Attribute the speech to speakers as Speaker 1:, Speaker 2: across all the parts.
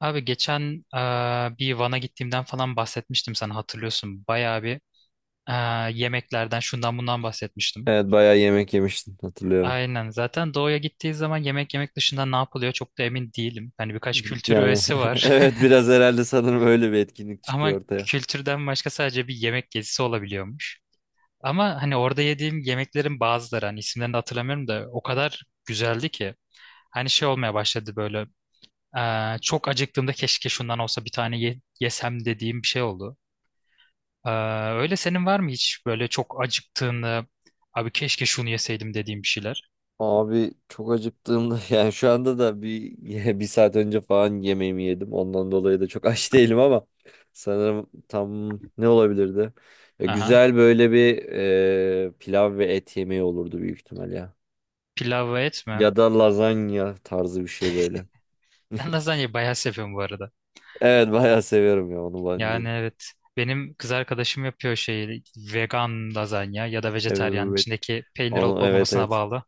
Speaker 1: Abi geçen bir Van'a gittiğimden falan bahsetmiştim sana, hatırlıyorsun. Bayağı bir e, yemeklerden şundan bundan bahsetmiştim.
Speaker 2: Evet bayağı yemek yemiştim hatırlıyorum.
Speaker 1: Aynen, zaten doğuya gittiği zaman yemek yemek dışında ne yapılıyor çok da emin değilim. Hani birkaç kültür
Speaker 2: Yani
Speaker 1: öğesi var.
Speaker 2: evet biraz herhalde sanırım öyle bir etkinlik
Speaker 1: Ama
Speaker 2: çıkıyor ortaya.
Speaker 1: kültürden başka sadece bir yemek gezisi olabiliyormuş. Ama hani orada yediğim yemeklerin bazıları, hani isimlerini de hatırlamıyorum da, o kadar güzeldi ki. Hani şey olmaya başladı böyle, çok acıktığımda keşke şundan olsa bir tane yesem dediğim bir şey oldu. Ee, Öyle senin var mı hiç böyle çok acıktığını, abi keşke şunu yeseydim dediğim bir şeyler?
Speaker 2: Abi çok acıktığımda yani şu anda da bir bir saat önce falan yemeğimi yedim. Ondan dolayı da çok aç değilim ama sanırım tam ne olabilirdi? Ya
Speaker 1: Aha.
Speaker 2: güzel böyle bir pilav ve et yemeği olurdu büyük ihtimal ya.
Speaker 1: Pilav ve et mi?
Speaker 2: Ya da lazanya tarzı bir şey böyle.
Speaker 1: Sen lazanyayı bayağı seviyorum bu arada.
Speaker 2: Evet bayağı seviyorum ya onu
Speaker 1: Yani
Speaker 2: ben.
Speaker 1: evet. Benim kız arkadaşım yapıyor şey, vegan lazanya ya da vejetaryen,
Speaker 2: Evet.
Speaker 1: içindeki peynir olup
Speaker 2: Onu, evet,
Speaker 1: olmamasına
Speaker 2: evet.
Speaker 1: bağlı.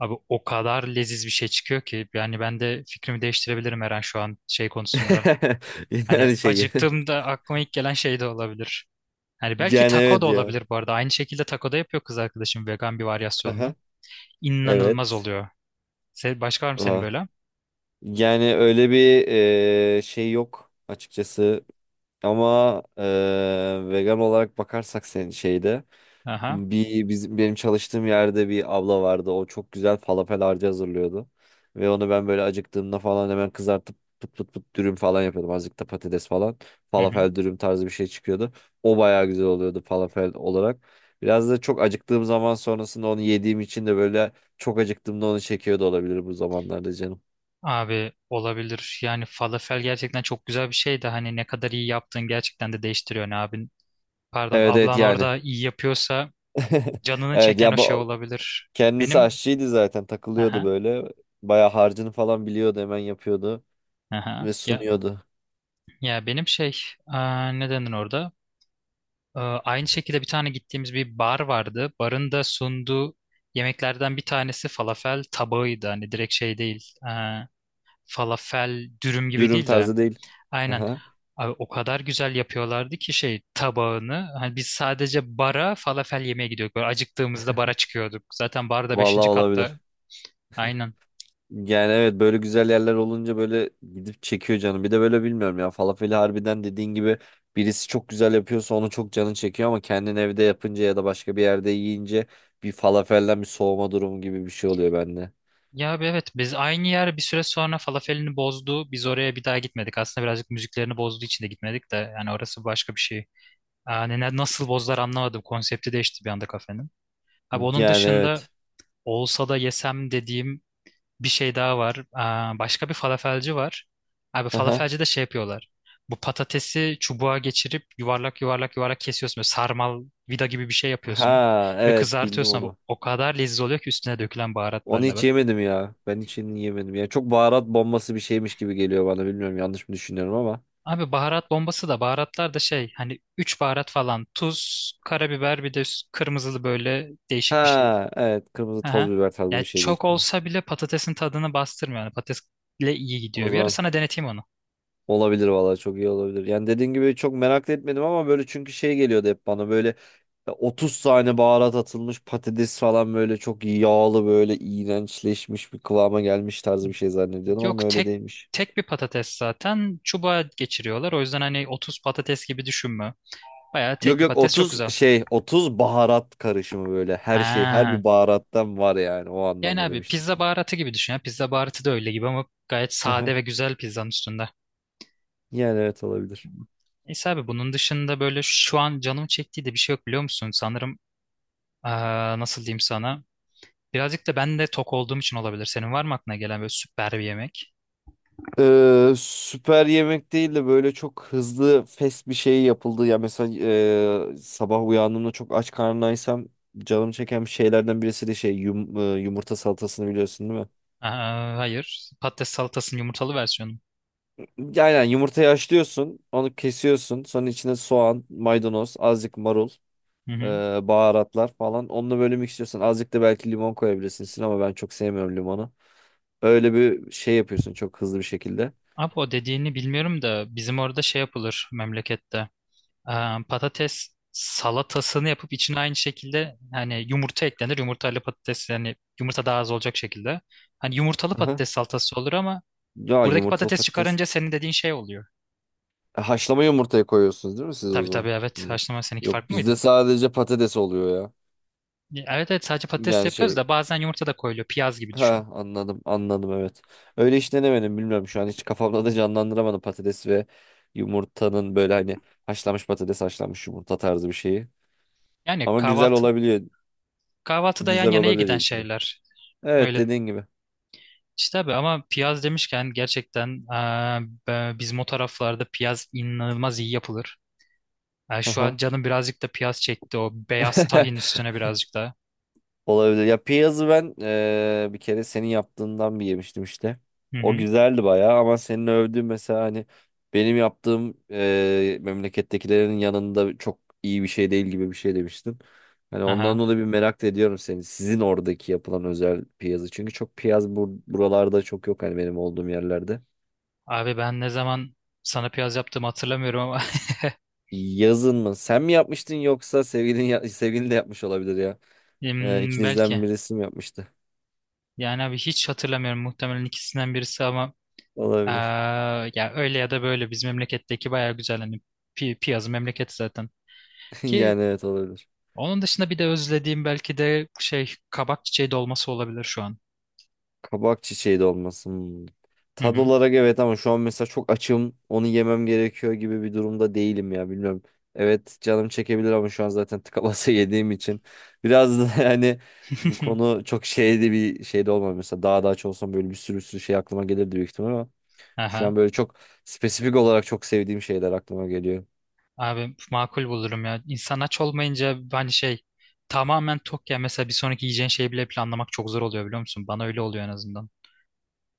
Speaker 1: Abi o kadar leziz bir şey çıkıyor ki, yani ben de fikrimi değiştirebilirim her an şu an şey konusunda. Hani
Speaker 2: Yani şey.
Speaker 1: acıktığımda aklıma ilk gelen şey de olabilir. Hani belki
Speaker 2: Yani
Speaker 1: taco da
Speaker 2: evet ya.
Speaker 1: olabilir bu arada. Aynı şekilde taco da yapıyor kız arkadaşım, vegan bir varyasyonunu.
Speaker 2: Haha.
Speaker 1: İnanılmaz
Speaker 2: Evet.
Speaker 1: oluyor. Başka var mı senin
Speaker 2: Aa.
Speaker 1: böyle?
Speaker 2: Yani öyle bir şey yok açıkçası. Ama vegan olarak bakarsak senin şeyde.
Speaker 1: Aha.
Speaker 2: Bizim benim çalıştığım yerde bir abla vardı. O çok güzel falafel harcı hazırlıyordu. Ve onu ben böyle acıktığımda falan hemen kızartıp pıt pıt pıt dürüm falan yapıyordum. Azıcık da patates falan.
Speaker 1: Hı hı.
Speaker 2: Falafel dürüm tarzı bir şey çıkıyordu. O bayağı güzel oluyordu falafel olarak. Biraz da çok acıktığım zaman sonrasında onu yediğim için de böyle çok acıktığımda onu çekiyordu, olabilir bu zamanlarda canım.
Speaker 1: Abi olabilir. Yani falafel gerçekten çok güzel bir şey de, hani ne kadar iyi yaptığın gerçekten de değiştiriyor ne abin. Pardon,
Speaker 2: Evet, evet
Speaker 1: ablan
Speaker 2: yani.
Speaker 1: orada iyi yapıyorsa canını
Speaker 2: Evet
Speaker 1: çeken o
Speaker 2: ya,
Speaker 1: şey
Speaker 2: bu
Speaker 1: olabilir.
Speaker 2: kendisi
Speaker 1: Benim
Speaker 2: aşçıydı, zaten takılıyordu
Speaker 1: aha,
Speaker 2: böyle. Bayağı harcını falan biliyordu, hemen yapıyordu
Speaker 1: aha.
Speaker 2: ve
Speaker 1: Ya
Speaker 2: sunuyordu.
Speaker 1: ya benim şey, ne denir orada? Aynı şekilde bir tane gittiğimiz bir bar vardı. Barın da sunduğu yemeklerden bir tanesi falafel tabağıydı. Hani direkt şey değil, falafel dürüm gibi
Speaker 2: Dürüm
Speaker 1: değil de.
Speaker 2: tarzı değil.
Speaker 1: Aynen.
Speaker 2: Aha.
Speaker 1: Abi o kadar güzel yapıyorlardı ki şey tabağını. Hani biz sadece bara falafel yemeye gidiyorduk. Böyle acıktığımızda bara çıkıyorduk. Zaten bar da
Speaker 2: Vallahi
Speaker 1: beşinci
Speaker 2: olabilir.
Speaker 1: katta. Aynen.
Speaker 2: Yani evet, böyle güzel yerler olunca böyle gidip çekiyor canım. Bir de böyle bilmiyorum ya, falafeli harbiden dediğin gibi birisi çok güzel yapıyorsa onu çok canın çekiyor, ama kendin evde yapınca ya da başka bir yerde yiyince bir falafelden bir soğuma durumu gibi bir şey oluyor bende.
Speaker 1: Ya abi evet, biz aynı yer bir süre sonra falafelini bozdu. Biz oraya bir daha gitmedik. Aslında birazcık müziklerini bozduğu için de gitmedik de. Yani orası başka bir şey. Yani nasıl bozdular anlamadım. Konsepti değişti bir anda kafenin. Abi onun
Speaker 2: Yani
Speaker 1: dışında
Speaker 2: evet.
Speaker 1: olsa da yesem dediğim bir şey daha var. Başka bir falafelci var. Abi
Speaker 2: Aha.
Speaker 1: falafelci de şey yapıyorlar. Bu patatesi çubuğa geçirip yuvarlak yuvarlak yuvarlak kesiyorsun. Böyle sarmal, vida gibi bir şey yapıyorsun.
Speaker 2: Ha
Speaker 1: Ve
Speaker 2: evet, bildim
Speaker 1: kızartıyorsun abi.
Speaker 2: onu.
Speaker 1: O kadar lezzetli oluyor ki üstüne dökülen
Speaker 2: Onu
Speaker 1: baharatlarla.
Speaker 2: hiç yemedim ya. Ben hiç yemedim. Ya çok baharat bombası bir şeymiş gibi geliyor bana. Bilmiyorum, yanlış mı düşünüyorum ama.
Speaker 1: Abi baharat bombası da, baharatlar da şey, hani 3 baharat falan. Tuz, karabiber, bir de kırmızılı böyle değişik bir şey.
Speaker 2: Ha evet, kırmızı toz
Speaker 1: Aha.
Speaker 2: biber tarzı bir
Speaker 1: Yani
Speaker 2: şey büyük.
Speaker 1: çok olsa bile patatesin tadını bastırmıyor. Yani patatesle iyi
Speaker 2: O
Speaker 1: gidiyor. Bir ara
Speaker 2: zaman
Speaker 1: sana deneteyim onu.
Speaker 2: olabilir vallahi, çok iyi olabilir. Yani dediğin gibi çok merak da etmedim ama böyle, çünkü şey geliyordu hep bana böyle 30 tane baharat atılmış patates falan, böyle çok yağlı, böyle iğrençleşmiş bir kıvama gelmiş tarzı bir şey zannediyordum
Speaker 1: Yok,
Speaker 2: ama öyle
Speaker 1: tek
Speaker 2: değilmiş.
Speaker 1: tek bir patates zaten çubuğa geçiriyorlar. O yüzden hani 30 patates gibi düşünme. Bayağı tek
Speaker 2: Yok
Speaker 1: bir
Speaker 2: yok
Speaker 1: patates, çok
Speaker 2: 30
Speaker 1: güzel.
Speaker 2: şey, 30 baharat karışımı, böyle her şey, her
Speaker 1: Ha.
Speaker 2: bir baharattan var, yani o
Speaker 1: Yani
Speaker 2: anlamda
Speaker 1: abi
Speaker 2: demiştim.
Speaker 1: pizza baharatı gibi düşün ya. Pizza baharatı da öyle gibi ama gayet sade ve güzel pizzanın üstünde.
Speaker 2: Yani evet, olabilir.
Speaker 1: Neyse abi, bunun dışında böyle şu an canım çektiği de bir şey yok, biliyor musun? Sanırım eee, nasıl diyeyim sana? Birazcık da ben de tok olduğum için olabilir. Senin var mı aklına gelen böyle süper bir yemek?
Speaker 2: Süper yemek değil de böyle çok hızlı fast bir şey yapıldı. Ya mesela sabah uyandığımda çok aç karnındaysam canım çeken bir şeylerden birisi de şey yumurta salatasını biliyorsun değil mi?
Speaker 1: Hayır. Patates salatasının yumurtalı versiyonu.
Speaker 2: Aynen, yumurtayı haşlıyorsun, onu kesiyorsun. Sonra içine soğan, maydanoz, azıcık marul,
Speaker 1: Hı
Speaker 2: e,
Speaker 1: hı.
Speaker 2: baharatlar falan. Onunla böyle mixliyorsun. Azıcık da belki limon koyabilirsin ama ben çok sevmiyorum limonu. Öyle bir şey yapıyorsun çok hızlı bir şekilde.
Speaker 1: Abi o dediğini bilmiyorum da bizim orada şey yapılır memlekette. Ee, Patates salatasını yapıp içine aynı şekilde hani yumurta eklenir. Yumurtalı patates, yani yumurta daha az olacak şekilde. Hani yumurtalı
Speaker 2: Aha.
Speaker 1: patates salatası olur ama
Speaker 2: Ya
Speaker 1: buradaki
Speaker 2: yumurtalı
Speaker 1: patates
Speaker 2: patates.
Speaker 1: çıkarınca senin dediğin şey oluyor.
Speaker 2: Haşlama yumurtaya koyuyorsunuz değil mi siz o
Speaker 1: Tabii tabii,
Speaker 2: zaman?
Speaker 1: evet,
Speaker 2: Hı.
Speaker 1: haşlama. Seninki
Speaker 2: Yok,
Speaker 1: farklı mıydı?
Speaker 2: bizde sadece patates oluyor ya.
Speaker 1: Evet, evet, sadece patates
Speaker 2: Yani
Speaker 1: yapıyoruz
Speaker 2: şey,
Speaker 1: da bazen yumurta da koyuluyor. Piyaz gibi düşün.
Speaker 2: ha anladım, anladım, evet. Öyle hiç denemedim, bilmiyorum, şu an hiç kafamda da canlandıramadım patates ve yumurtanın böyle, hani haşlanmış patates, haşlanmış yumurta tarzı bir şeyi.
Speaker 1: Yani
Speaker 2: Ama güzel olabiliyor.
Speaker 1: kahvaltıda yan
Speaker 2: Güzel
Speaker 1: yanaya
Speaker 2: olabilir
Speaker 1: giden
Speaker 2: diye düşünüyorum.
Speaker 1: şeyler.
Speaker 2: Evet,
Speaker 1: Öyle.
Speaker 2: dediğin gibi.
Speaker 1: İşte abi, ama piyaz demişken gerçekten bizim o taraflarda piyaz inanılmaz iyi yapılır. Yani şu an
Speaker 2: Aha.
Speaker 1: canım birazcık da piyaz çekti, o beyaz tahin üstüne birazcık da.
Speaker 2: Olabilir. Ya piyazı ben bir kere senin yaptığından bir yemiştim işte.
Speaker 1: Hı
Speaker 2: O
Speaker 1: hı.
Speaker 2: güzeldi bayağı, ama senin övdüğün mesela, hani benim yaptığım memlekettekilerin yanında çok iyi bir şey değil gibi bir şey demiştin. Hani ondan
Speaker 1: Aha.
Speaker 2: dolayı bir merak da ediyorum seni. Sizin oradaki yapılan özel piyazı. Çünkü çok piyaz buralarda çok yok, hani benim olduğum yerlerde.
Speaker 1: Abi ben ne zaman sana piyaz yaptığımı hatırlamıyorum ama
Speaker 2: Yazın mı? Sen mi yapmıştın yoksa sevgilin sevgilin de yapmış olabilir ya. İkinizden
Speaker 1: belki.
Speaker 2: birisi mi yapmıştı?
Speaker 1: Yani abi hiç hatırlamıyorum, muhtemelen ikisinden birisi ama eee,
Speaker 2: Olabilir.
Speaker 1: ya öyle ya da böyle bizim memleketteki bayağı güzel, hani piyazı memleket zaten. Ki
Speaker 2: Yani evet, olabilir.
Speaker 1: onun dışında bir de özlediğim belki de şey, kabak çiçeği dolması olabilir şu an.
Speaker 2: Kabak çiçeği de olmasın.
Speaker 1: Hı
Speaker 2: Tad
Speaker 1: hı.
Speaker 2: olarak evet, ama şu an mesela çok açım. Onu yemem gerekiyor gibi bir durumda değilim ya, bilmiyorum. Evet, canım çekebilir ama şu an zaten tıka basa yediğim için. Biraz da yani bu konu çok şeyde, bir şeyde olmam. Mesela daha da aç olsam böyle bir sürü şey aklıma gelirdi büyük ihtimal ama. Şu an
Speaker 1: Aha.
Speaker 2: böyle çok spesifik olarak çok sevdiğim şeyler aklıma geliyor.
Speaker 1: Abi makul bulurum ya. İnsan aç olmayınca hani şey, tamamen tok ya, mesela bir sonraki yiyeceğin şeyi bile planlamak çok zor oluyor, biliyor musun? Bana öyle oluyor en azından.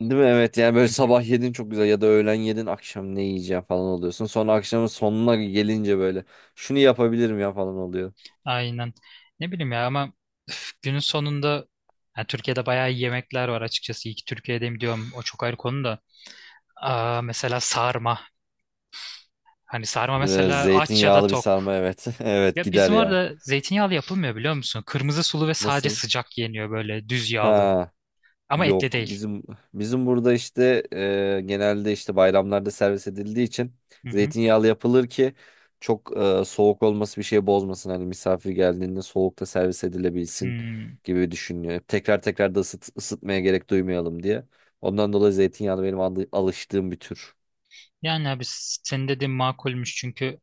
Speaker 2: Değil mi? Evet, yani böyle
Speaker 1: Hı hı.
Speaker 2: sabah yedin çok güzel, ya da öğlen yedin akşam ne yiyeceğim falan oluyorsun. Sonra akşamın sonuna gelince böyle şunu yapabilirim ya falan oluyor.
Speaker 1: Aynen. Ne bileyim ya, ama üf, günün sonunda yani Türkiye'de bayağı iyi yemekler var açıkçası. İyi ki Türkiye'deyim diyorum. O çok ayrı konu da. Mesela sarma. Hani sarma mesela, aç ya da
Speaker 2: Zeytinyağlı bir
Speaker 1: tok.
Speaker 2: sarma, evet. Evet,
Speaker 1: Ya
Speaker 2: gider
Speaker 1: bizim
Speaker 2: ya.
Speaker 1: orada zeytinyağlı yapılmıyor, biliyor musun? Kırmızı sulu ve sadece
Speaker 2: Nasıl?
Speaker 1: sıcak yeniyor, böyle düz yağlı.
Speaker 2: Ha
Speaker 1: Ama etli
Speaker 2: yok.
Speaker 1: değil.
Speaker 2: Bizim burada işte genelde işte bayramlarda servis edildiği için zeytinyağlı yapılır ki çok soğuk olması bir şey bozmasın. Hani misafir geldiğinde soğukta servis edilebilsin
Speaker 1: Hmm.
Speaker 2: gibi düşünüyor. Tekrar tekrar da ısıt, ısıtmaya gerek duymayalım diye. Ondan dolayı zeytinyağlı benim alıştığım bir tür.
Speaker 1: Yani abi senin dediğin makulmüş çünkü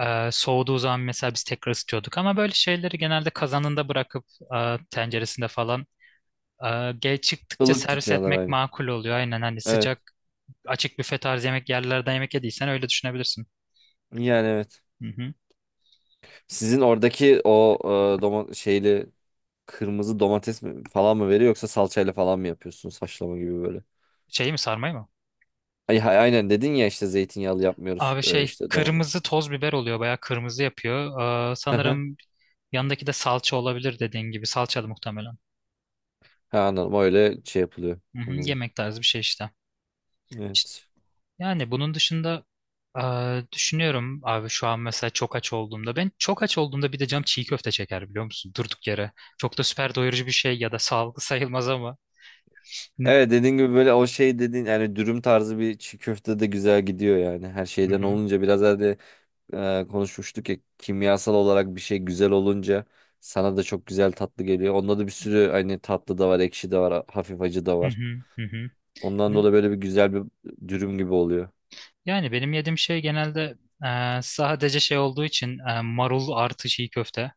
Speaker 1: soğuduğu zaman mesela biz tekrar ısıtıyorduk ama böyle şeyleri genelde kazanında bırakıp tenceresinde falan geç çıktıkça
Speaker 2: Ilık
Speaker 1: servis
Speaker 2: tutuyorlar
Speaker 1: etmek
Speaker 2: aynı.
Speaker 1: makul oluyor. Aynen, hani
Speaker 2: Evet.
Speaker 1: sıcak açık büfe tarzı yemek yerlerden yemek yediysen öyle düşünebilirsin.
Speaker 2: Yani evet.
Speaker 1: Hı hı.
Speaker 2: Sizin oradaki o domates şeyli, kırmızı domates mi falan mı veriyor yoksa salçayla falan mı yapıyorsunuz haşlama gibi böyle.
Speaker 1: Şey mi, sarmayı mı?
Speaker 2: Ay, aynen dedin ya işte zeytinyağlı yapmıyoruz,
Speaker 1: Abi şey,
Speaker 2: işte domates.
Speaker 1: kırmızı toz biber oluyor, bayağı kırmızı yapıyor. Sanırım yanındaki de salça olabilir, dediğin gibi salçalı muhtemelen.
Speaker 2: Ha, anladım, öyle şey yapılıyor.
Speaker 1: Hı hı.
Speaker 2: Anladım.
Speaker 1: Yemek tarzı bir şey işte.
Speaker 2: Evet.
Speaker 1: Yani bunun dışında düşünüyorum abi, şu an mesela çok aç olduğumda, ben çok aç olduğumda bir de cam çiğ köfte çeker, biliyor musun? Durduk yere. Çok da süper doyurucu bir şey ya da sağlıklı sayılmaz ama. Ne-
Speaker 2: Evet dediğin gibi böyle, o şey dediğin yani dürüm tarzı bir çiğ köfte de güzel gidiyor yani. Her
Speaker 1: Hı
Speaker 2: şeyden
Speaker 1: hı,
Speaker 2: olunca, biraz evvel de konuşmuştuk ya, kimyasal olarak bir şey güzel olunca sana da çok güzel, tatlı geliyor. Onda da bir sürü hani tatlı da var, ekşi de var, hafif acı da
Speaker 1: hı
Speaker 2: var.
Speaker 1: hı, hı hı.
Speaker 2: Ondan
Speaker 1: Ne-
Speaker 2: dolayı böyle bir güzel bir dürüm gibi oluyor.
Speaker 1: Yani benim yediğim şey genelde sadece şey olduğu için marul artı çiğ köfte.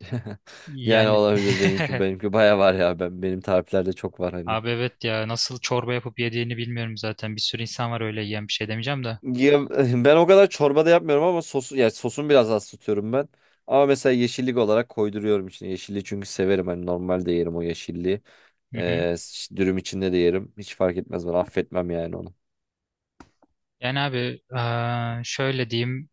Speaker 2: Yani
Speaker 1: Yani
Speaker 2: olabilir, benimki benimki baya var ya, ben benim tariflerde çok var hani.
Speaker 1: abi evet ya, nasıl çorba yapıp yediğini bilmiyorum zaten. Bir sürü insan var öyle yiyen, bir şey demeyeceğim de.
Speaker 2: Ya, ben o kadar çorba da yapmıyorum ama sosu, yani sosun biraz az tutuyorum ben. Ama mesela yeşillik olarak koyduruyorum içine. Yeşilliği çünkü severim hani, normalde yerim o yeşilliği.
Speaker 1: Hı hı.
Speaker 2: Ee, Dürüm içinde de yerim. Hiç fark etmez bana, affetmem yani onu.
Speaker 1: Yani abi şöyle diyeyim.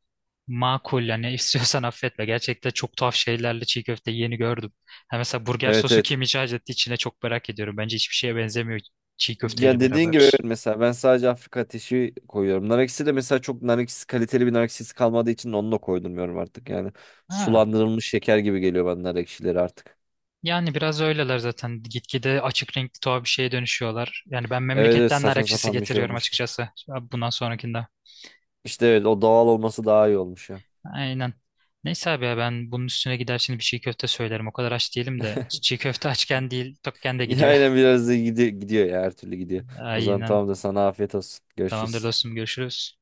Speaker 1: Makul, yani istiyorsan affetme. Gerçekten çok tuhaf şeylerle çiğ köfte yeni gördüm. Ha, mesela burger
Speaker 2: Evet,
Speaker 1: sosu
Speaker 2: evet.
Speaker 1: kim icat etti içine, çok merak ediyorum. Bence hiçbir şeye benzemiyor çiğ
Speaker 2: Ya
Speaker 1: köfteyle
Speaker 2: dediğin gibi
Speaker 1: beraber.
Speaker 2: evet, mesela ben sadece Afrika ateşi koyuyorum. Nar ekşisi de mesela çok, nar ekşisi kaliteli bir nar ekşisi kalmadığı için onu da koydurmuyorum artık yani.
Speaker 1: Ha.
Speaker 2: Sulandırılmış şeker gibi geliyor bana nar ekşileri artık.
Speaker 1: Yani biraz öyleler zaten. Gitgide açık renkli tuhaf bir şeye dönüşüyorlar. Yani ben
Speaker 2: Evet, evet,
Speaker 1: memleketten nar
Speaker 2: saçma
Speaker 1: ekşisi
Speaker 2: sapan bir şey
Speaker 1: getiriyorum
Speaker 2: olmuştu.
Speaker 1: açıkçası. Abi bundan sonrakinde.
Speaker 2: İşte evet, o doğal olması daha iyi olmuş ya.
Speaker 1: Aynen. Neyse abi, ya ben bunun üstüne gider şimdi bir çiğ köfte söylerim. O kadar aç değilim de. Çiğ köfte açken değil, tokken de gidiyor.
Speaker 2: Aynen, biraz da gidiyor ya, her türlü gidiyor. O zaman
Speaker 1: Aynen.
Speaker 2: tamam da, sana afiyet olsun.
Speaker 1: Tamamdır
Speaker 2: Görüşürüz.
Speaker 1: dostum, görüşürüz.